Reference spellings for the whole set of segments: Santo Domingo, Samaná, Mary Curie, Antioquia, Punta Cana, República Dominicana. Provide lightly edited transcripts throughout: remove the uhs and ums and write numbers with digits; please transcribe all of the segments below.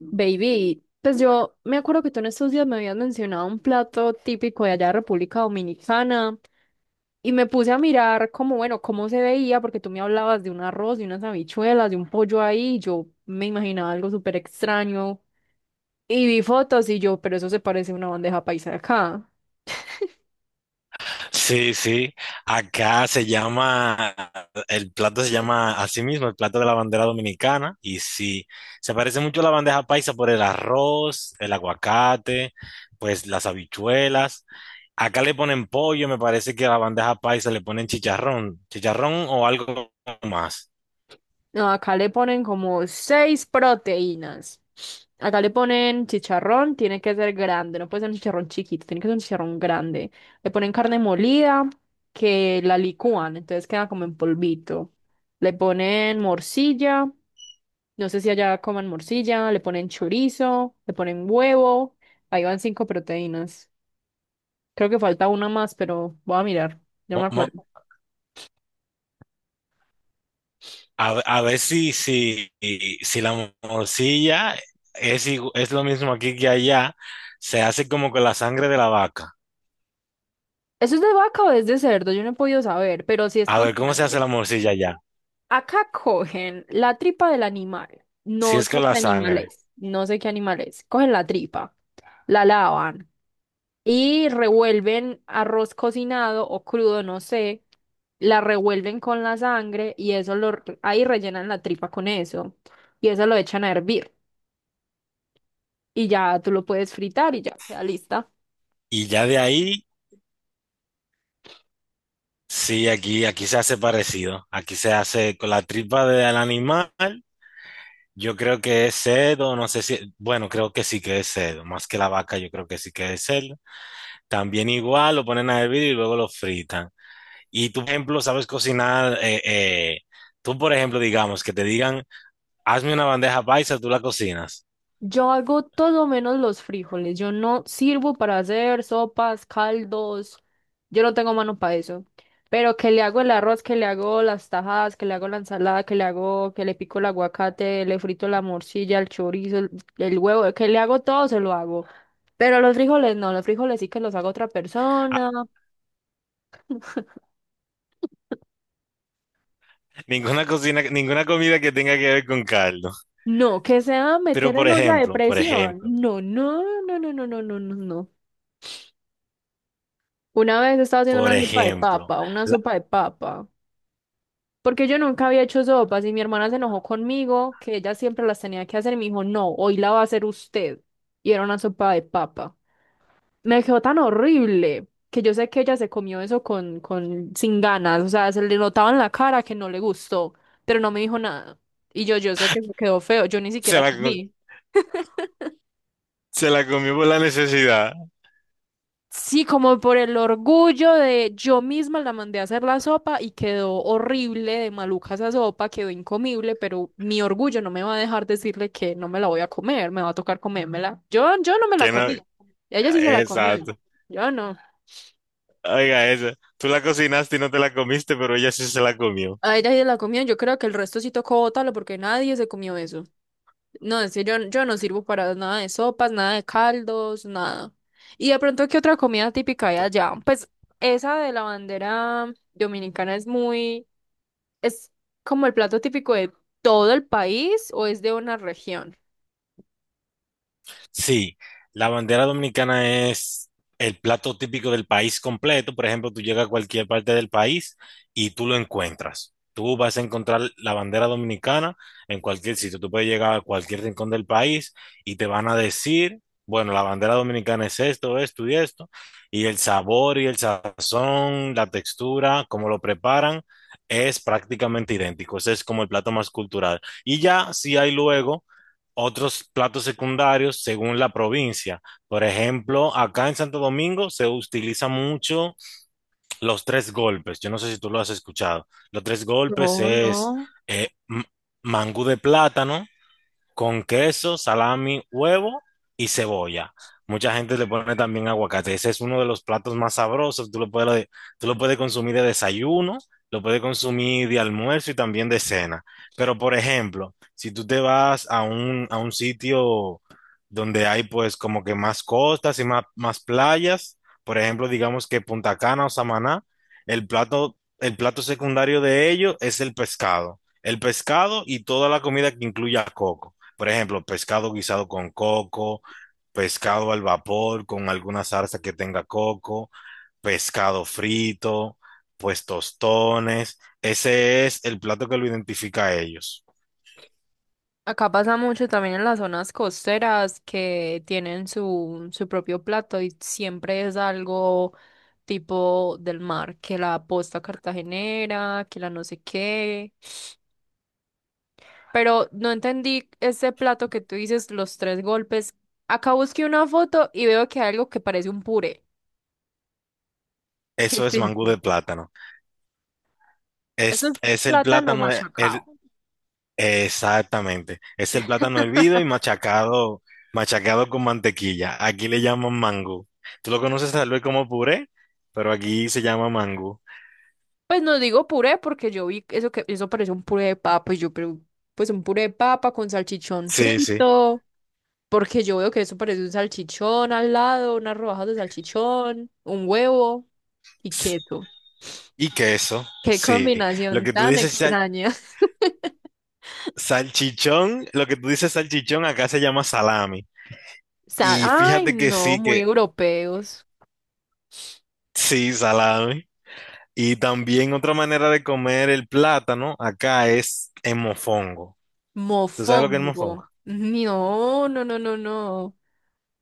Baby, pues yo me acuerdo que tú en estos días me habías mencionado un plato típico de allá de República Dominicana y me puse a mirar como, bueno, cómo se veía, porque tú me hablabas de un arroz, de unas habichuelas, de un pollo ahí, y yo me imaginaba algo súper extraño y vi fotos y yo, pero eso se parece a una bandeja paisa de acá. Sí, sí. Acá se llama, el plato se llama así mismo, el plato de la bandera dominicana. Y sí, se parece mucho a la bandeja paisa por el arroz, el aguacate, pues las habichuelas. Acá le ponen pollo, me parece que a la bandeja paisa le ponen chicharrón, o algo más. No, acá le ponen como seis proteínas. Acá le ponen chicharrón, tiene que ser grande, no puede ser un chicharrón chiquito, tiene que ser un chicharrón grande. Le ponen carne molida, que la licúan, entonces queda como en polvito. Le ponen morcilla, no sé si allá coman morcilla, le ponen chorizo, le ponen huevo. Ahí van cinco proteínas. Creo que falta una más, pero voy a mirar, no me Mo- acuerdo. mo- a ver si la morcilla es, es lo mismo aquí que allá. Se hace como con la sangre de la vaca. ¿Eso es de vaca o es de cerdo? Yo no he podido saber, pero si es A con ver, ¿cómo se sangre. hace la morcilla ya? Acá cogen la tripa del animal. Si No es sé con la qué animal sangre. es. No sé qué animal es. Cogen la tripa, la lavan y revuelven arroz cocinado o crudo, no sé. La revuelven con la sangre y ahí rellenan la tripa con eso. Y eso lo echan a hervir. Y ya tú lo puedes fritar y ya queda lista. Y ya de ahí, sí, aquí se hace parecido. Aquí se hace con la tripa del animal. Yo creo que es cerdo, no sé si, bueno, creo que sí que es cerdo, más que la vaca, yo creo que sí que es cerdo. También igual lo ponen a hervir y luego lo fritan. Y tú, por ejemplo, sabes cocinar, tú, por ejemplo, digamos, que te digan, hazme una bandeja paisa, tú la cocinas. Yo hago todo menos los frijoles. Yo no sirvo para hacer sopas, caldos. Yo no tengo mano para eso. Pero que le hago el arroz, que le hago las tajadas, que le hago la ensalada, que le hago, que le pico el aguacate, le frito la morcilla, el chorizo, el huevo, que le hago todo, se lo hago. Pero los frijoles no, los frijoles sí que los hago otra Ah, persona. ninguna cocina, ninguna comida que tenga que ver con caldo. No, que sea Pero, meter por en olla de ejemplo, por presión. ejemplo. No, no, no, no, no, no, no, no. Una vez estaba haciendo Por una sopa de ejemplo, papa, una la- sopa de papa, porque yo nunca había hecho sopas y mi hermana se enojó conmigo, que ella siempre las tenía que hacer y me dijo, no, hoy la va a hacer usted. Y era una sopa de papa. Me quedó tan horrible que yo sé que ella se comió eso con, sin ganas, o sea, se le notaba en la cara que no le gustó, pero no me dijo nada. Y yo sé que me quedó feo, yo ni se siquiera la, co- comí. se la comió por la necesidad, Sí, como por el orgullo de yo misma la mandé a hacer la sopa y quedó horrible de maluca esa sopa, quedó incomible, pero mi orgullo no me va a dejar decirle que no me la voy a comer, me va a tocar comérmela. Yo no me la que no, comí. Ella sí se la comió. exacto. Yo no. Oiga, eso, tú la cocinaste y no te la comiste, pero ella sí se la comió. A ella sí se la comió. Yo creo que el resto sí tocó botarlo porque nadie se comió eso. No, es que yo no sirvo para nada de sopas, nada de caldos, nada. Y de pronto, ¿qué otra comida típica hay allá? Pues esa de la bandera dominicana es muy. ¿Es como el plato típico de todo el país o es de una región? Sí, la bandera dominicana es el plato típico del país completo. Por ejemplo, tú llegas a cualquier parte del país y tú lo encuentras. Tú vas a encontrar la bandera dominicana en cualquier sitio. Tú puedes llegar a cualquier rincón del país y te van a decir, bueno, la bandera dominicana es esto, esto y esto. Y el sabor y el sazón, la textura, cómo lo preparan, es prácticamente idéntico. Ese es como el plato más cultural. Y ya si hay luego otros platos secundarios según la provincia. Por ejemplo, acá en Santo Domingo se utiliza mucho los tres golpes. Yo no sé si tú lo has escuchado. Los tres golpes No, es no. eh, m- mangú de plátano, con queso, salami, huevo y cebolla. Mucha gente le pone también aguacate. Ese es uno de los platos más sabrosos. Tú lo puedes consumir de desayuno, lo puedes consumir de almuerzo y también de cena. Pero, por ejemplo, si tú te vas a a un sitio donde hay pues como que más costas y más playas, por ejemplo, digamos que Punta Cana o Samaná, el plato secundario de ellos es el pescado. El pescado y toda la comida que incluya coco. Por ejemplo, pescado guisado con coco, pescado al vapor con alguna salsa que tenga coco, pescado frito, pues tostones. Ese es el plato que lo identifica a ellos. Acá pasa mucho también en las zonas costeras que tienen su propio plato y siempre es algo tipo del mar, que la posta cartagenera, que la no sé qué. Pero no entendí ese plato que tú dices, los tres golpes. Acá busqué una foto y veo que hay algo que parece un puré. ¿Qué Eso es es mangú de eso? plátano. Eso es Es el plátano plátano, machacado. exactamente. Es el plátano hervido y machacado, machacado con mantequilla. Aquí le llaman mangú. Tú lo conoces tal vez como puré, pero aquí se llama mangú. Pues no digo puré porque yo vi eso que eso parece un puré de papa y yo pero pues un puré de papa con salchichón Sí, sí. frito, porque yo veo que eso parece un salchichón al lado, unas rodajas de salchichón, un huevo y queso. Y queso, ¡Qué sí. Lo combinación que tú tan dices sal- extraña! salchichón, lo que tú dices salchichón acá se llama salami. Y Ay, fíjate no, muy que europeos. sí, salami. Y también otra manera de comer el plátano acá es en mofongo. ¿Tú sabes lo que es Mofongo. mofongo? No, no, no, no, no.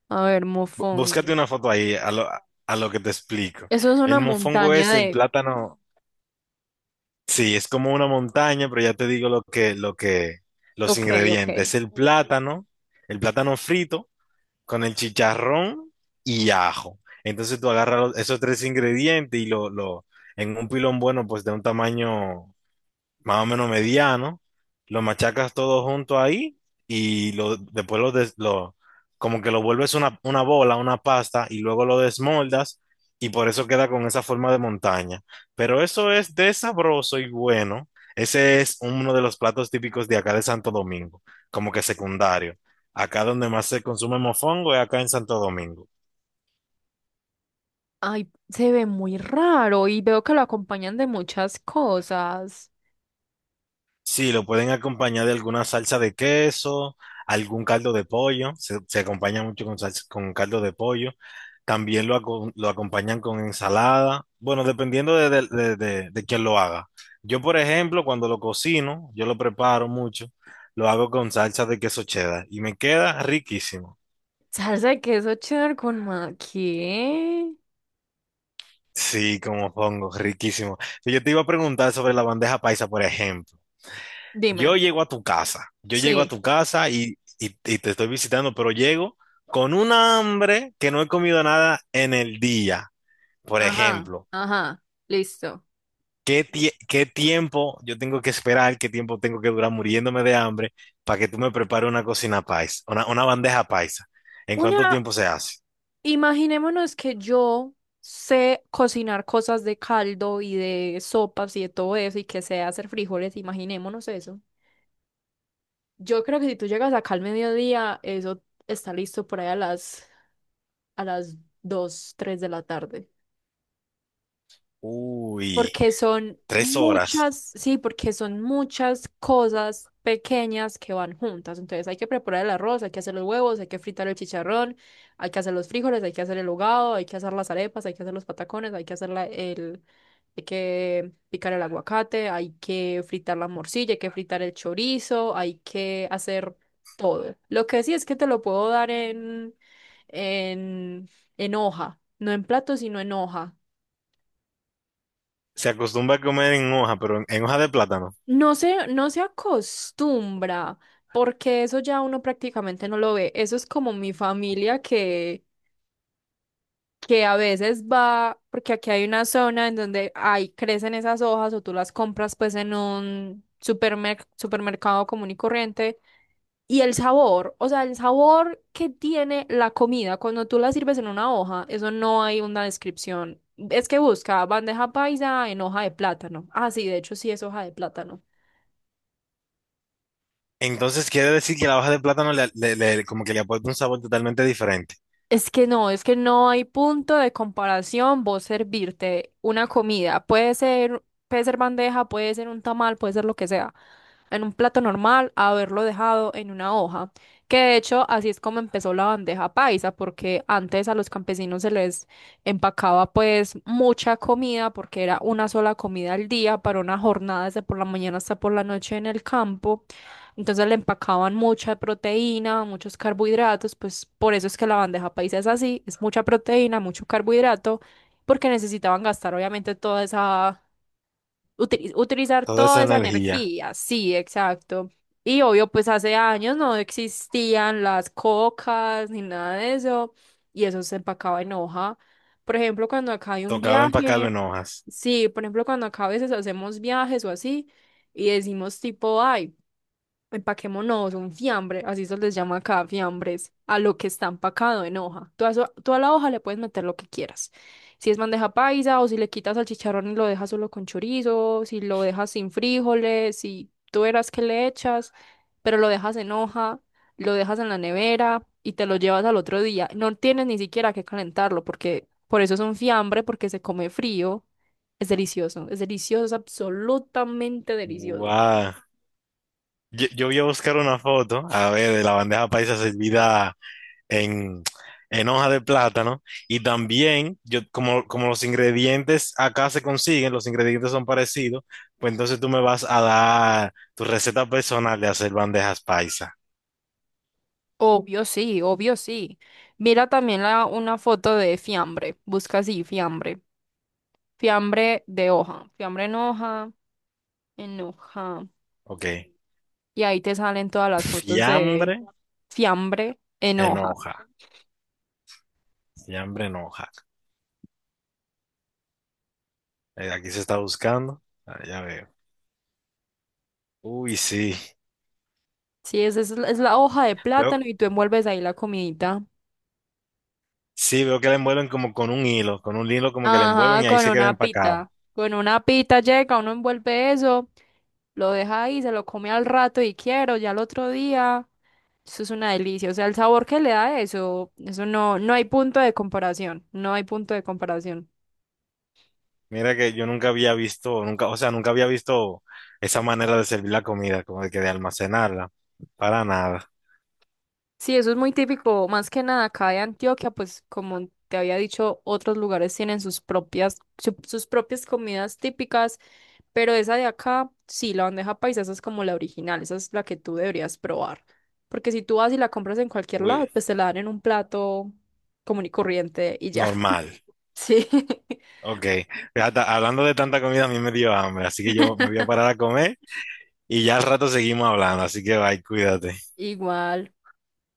A ver, mofongo. Búscate una foto ahí a a lo que te explico. Eso es una El mofongo montaña es el de... plátano, sí, es como una montaña, pero ya te digo lo que, los Ok, ok. ingredientes. El plátano frito con el chicharrón y ajo. Entonces tú agarras esos tres ingredientes y en un pilón bueno, pues de un tamaño más o menos mediano, lo machacas todo junto ahí y lo, después lo, des- lo- como que lo vuelves una bola, una pasta y luego lo desmoldas y por eso queda con esa forma de montaña. Pero eso es de sabroso y bueno. Ese es uno de los platos típicos de acá de Santo Domingo, como que secundario. Acá donde más se consume mofongo es acá en Santo Domingo. Ay, se ve muy raro y veo que lo acompañan de muchas cosas. Sí, lo pueden acompañar de alguna salsa de queso, algún caldo de pollo, se acompaña mucho con caldo de pollo. También lo acompañan con ensalada, bueno, dependiendo de quién lo haga. Yo, por ejemplo, cuando lo cocino, yo lo preparo mucho, lo hago con salsa de queso cheddar y me queda riquísimo. Salsa de queso cheddar con ma... ¿Qué? Sí, como pongo, riquísimo. Yo te iba a preguntar sobre la bandeja paisa, por ejemplo. Dime. Yo llego a Sí. tu casa y te estoy visitando, pero llego con una hambre que no he comido nada en el día. Por Ajá, ejemplo, ajá. Listo. ¿Qué tiempo yo tengo que esperar, qué tiempo tengo que durar muriéndome de hambre para que tú me prepares una cocina paisa, una bandeja paisa? ¿En cuánto Una, tiempo se hace? Imaginémonos que yo sé cocinar cosas de caldo y de sopas y de todo eso y que sé hacer frijoles, imaginémonos eso. Yo creo que si tú llegas acá al mediodía, eso está listo por ahí a las 2, 3 de la tarde. Uy, Porque son tres horas. muchas, sí, porque son muchas cosas pequeñas que van juntas. Entonces hay que preparar el arroz, hay que hacer los huevos, hay que fritar el chicharrón, hay que hacer los frijoles, hay que hacer el hogado, hay que hacer las arepas, hay que hacer los patacones, hay que hacer hay que picar el aguacate, hay que fritar la morcilla, hay que fritar el chorizo, hay que hacer todo. Lo que sí es que te lo puedo dar en, en hoja, no en plato, sino en hoja. Se acostumbra a comer en hoja, pero en hoja de plátano. No se acostumbra, porque eso ya uno prácticamente no lo ve. Eso es como mi familia que a veces va, porque aquí hay una zona en donde hay, crecen esas hojas o tú las compras pues en un supermercado común y corriente. Y el sabor, o sea, el sabor que tiene la comida cuando tú la sirves en una hoja, eso no hay una descripción. Es que busca bandeja paisa en hoja de plátano. Ah, sí, de hecho sí es hoja de plátano. Entonces quiere decir que la hoja de plátano como que le aporta un sabor totalmente diferente. Es que no hay punto de comparación vos servirte una comida. Puede ser bandeja, puede ser un tamal, puede ser lo que sea. En un plato normal, haberlo dejado en una hoja. Que de hecho, así es como empezó la bandeja paisa, porque antes a los campesinos se les empacaba pues mucha comida, porque era una sola comida al día para una jornada de por la mañana hasta por la noche en el campo. Entonces le empacaban mucha proteína, muchos carbohidratos, pues por eso es que la bandeja paisa es así, es mucha proteína, mucho carbohidrato, porque necesitaban gastar obviamente utilizar Toda esa toda esa energía. energía, sí, exacto. Y obvio, pues hace años no existían las cocas ni nada de eso, y eso se empacaba en hoja. Por ejemplo, cuando acá hay un Tocaba empacarlo viaje, en hojas. sí, por ejemplo, cuando acá a veces hacemos viajes o así, y decimos tipo, ay, empaquémonos un fiambre, así se les llama acá, fiambres, a lo que está empacado en hoja. Tú a la hoja le puedes meter lo que quieras. Si es bandeja paisa o si le quitas al chicharrón y lo dejas solo con chorizo, si lo dejas sin frijoles, si tú verás que le echas, pero lo dejas en hoja, lo dejas en la nevera y te lo llevas al otro día. No tienes ni siquiera que calentarlo porque por eso es un fiambre, porque se come frío. Es delicioso, es delicioso, es absolutamente delicioso. Guau. Yo voy a buscar una foto, a ver, de la bandeja paisa servida en, en hoja de plátano. Y también, yo, como, como los ingredientes acá se consiguen, los ingredientes son parecidos, pues entonces tú me vas a dar tu receta personal de hacer bandejas paisa. Obvio sí, obvio sí. Mira también una foto de fiambre. Busca así, fiambre. Fiambre de hoja. Fiambre en hoja, en hoja. Ok. Y ahí te salen todas las fotos de Fiambre fiambre en en hoja. hoja. Fiambre en hoja. Aquí se está buscando. Ah, ya veo. Uy, sí. Sí, esa es la hoja de Veo, plátano y tú envuelves ahí la comidita. sí, veo que la envuelven como con un hilo como que la envuelven Ajá, y ahí con se queda una empacada. pita. Con una pita llega, uno envuelve eso lo deja ahí, se lo come al rato y quiero, ya al otro día. Eso es una delicia. O sea, el sabor que le da eso, eso no, no hay punto de comparación. No hay punto de comparación. Mira que yo nunca había visto, nunca, o sea, nunca había visto esa manera de servir la comida, como de que de almacenarla, para nada. Sí, eso es muy típico, más que nada acá de Antioquia, pues como te había dicho, otros lugares tienen sus propias comidas típicas, pero esa de acá, sí, la bandeja paisa, esa es como la original, esa es la que tú deberías probar. Porque si tú vas y la compras en cualquier Uy, lado, pues te la dan en un plato común y corriente y ya. normal. Sí, Ok. Hasta- hablando de tanta comida, a mí me dio hambre, así que yo me voy a parar a comer y ya al rato seguimos hablando, así que bye, cuídate. igual.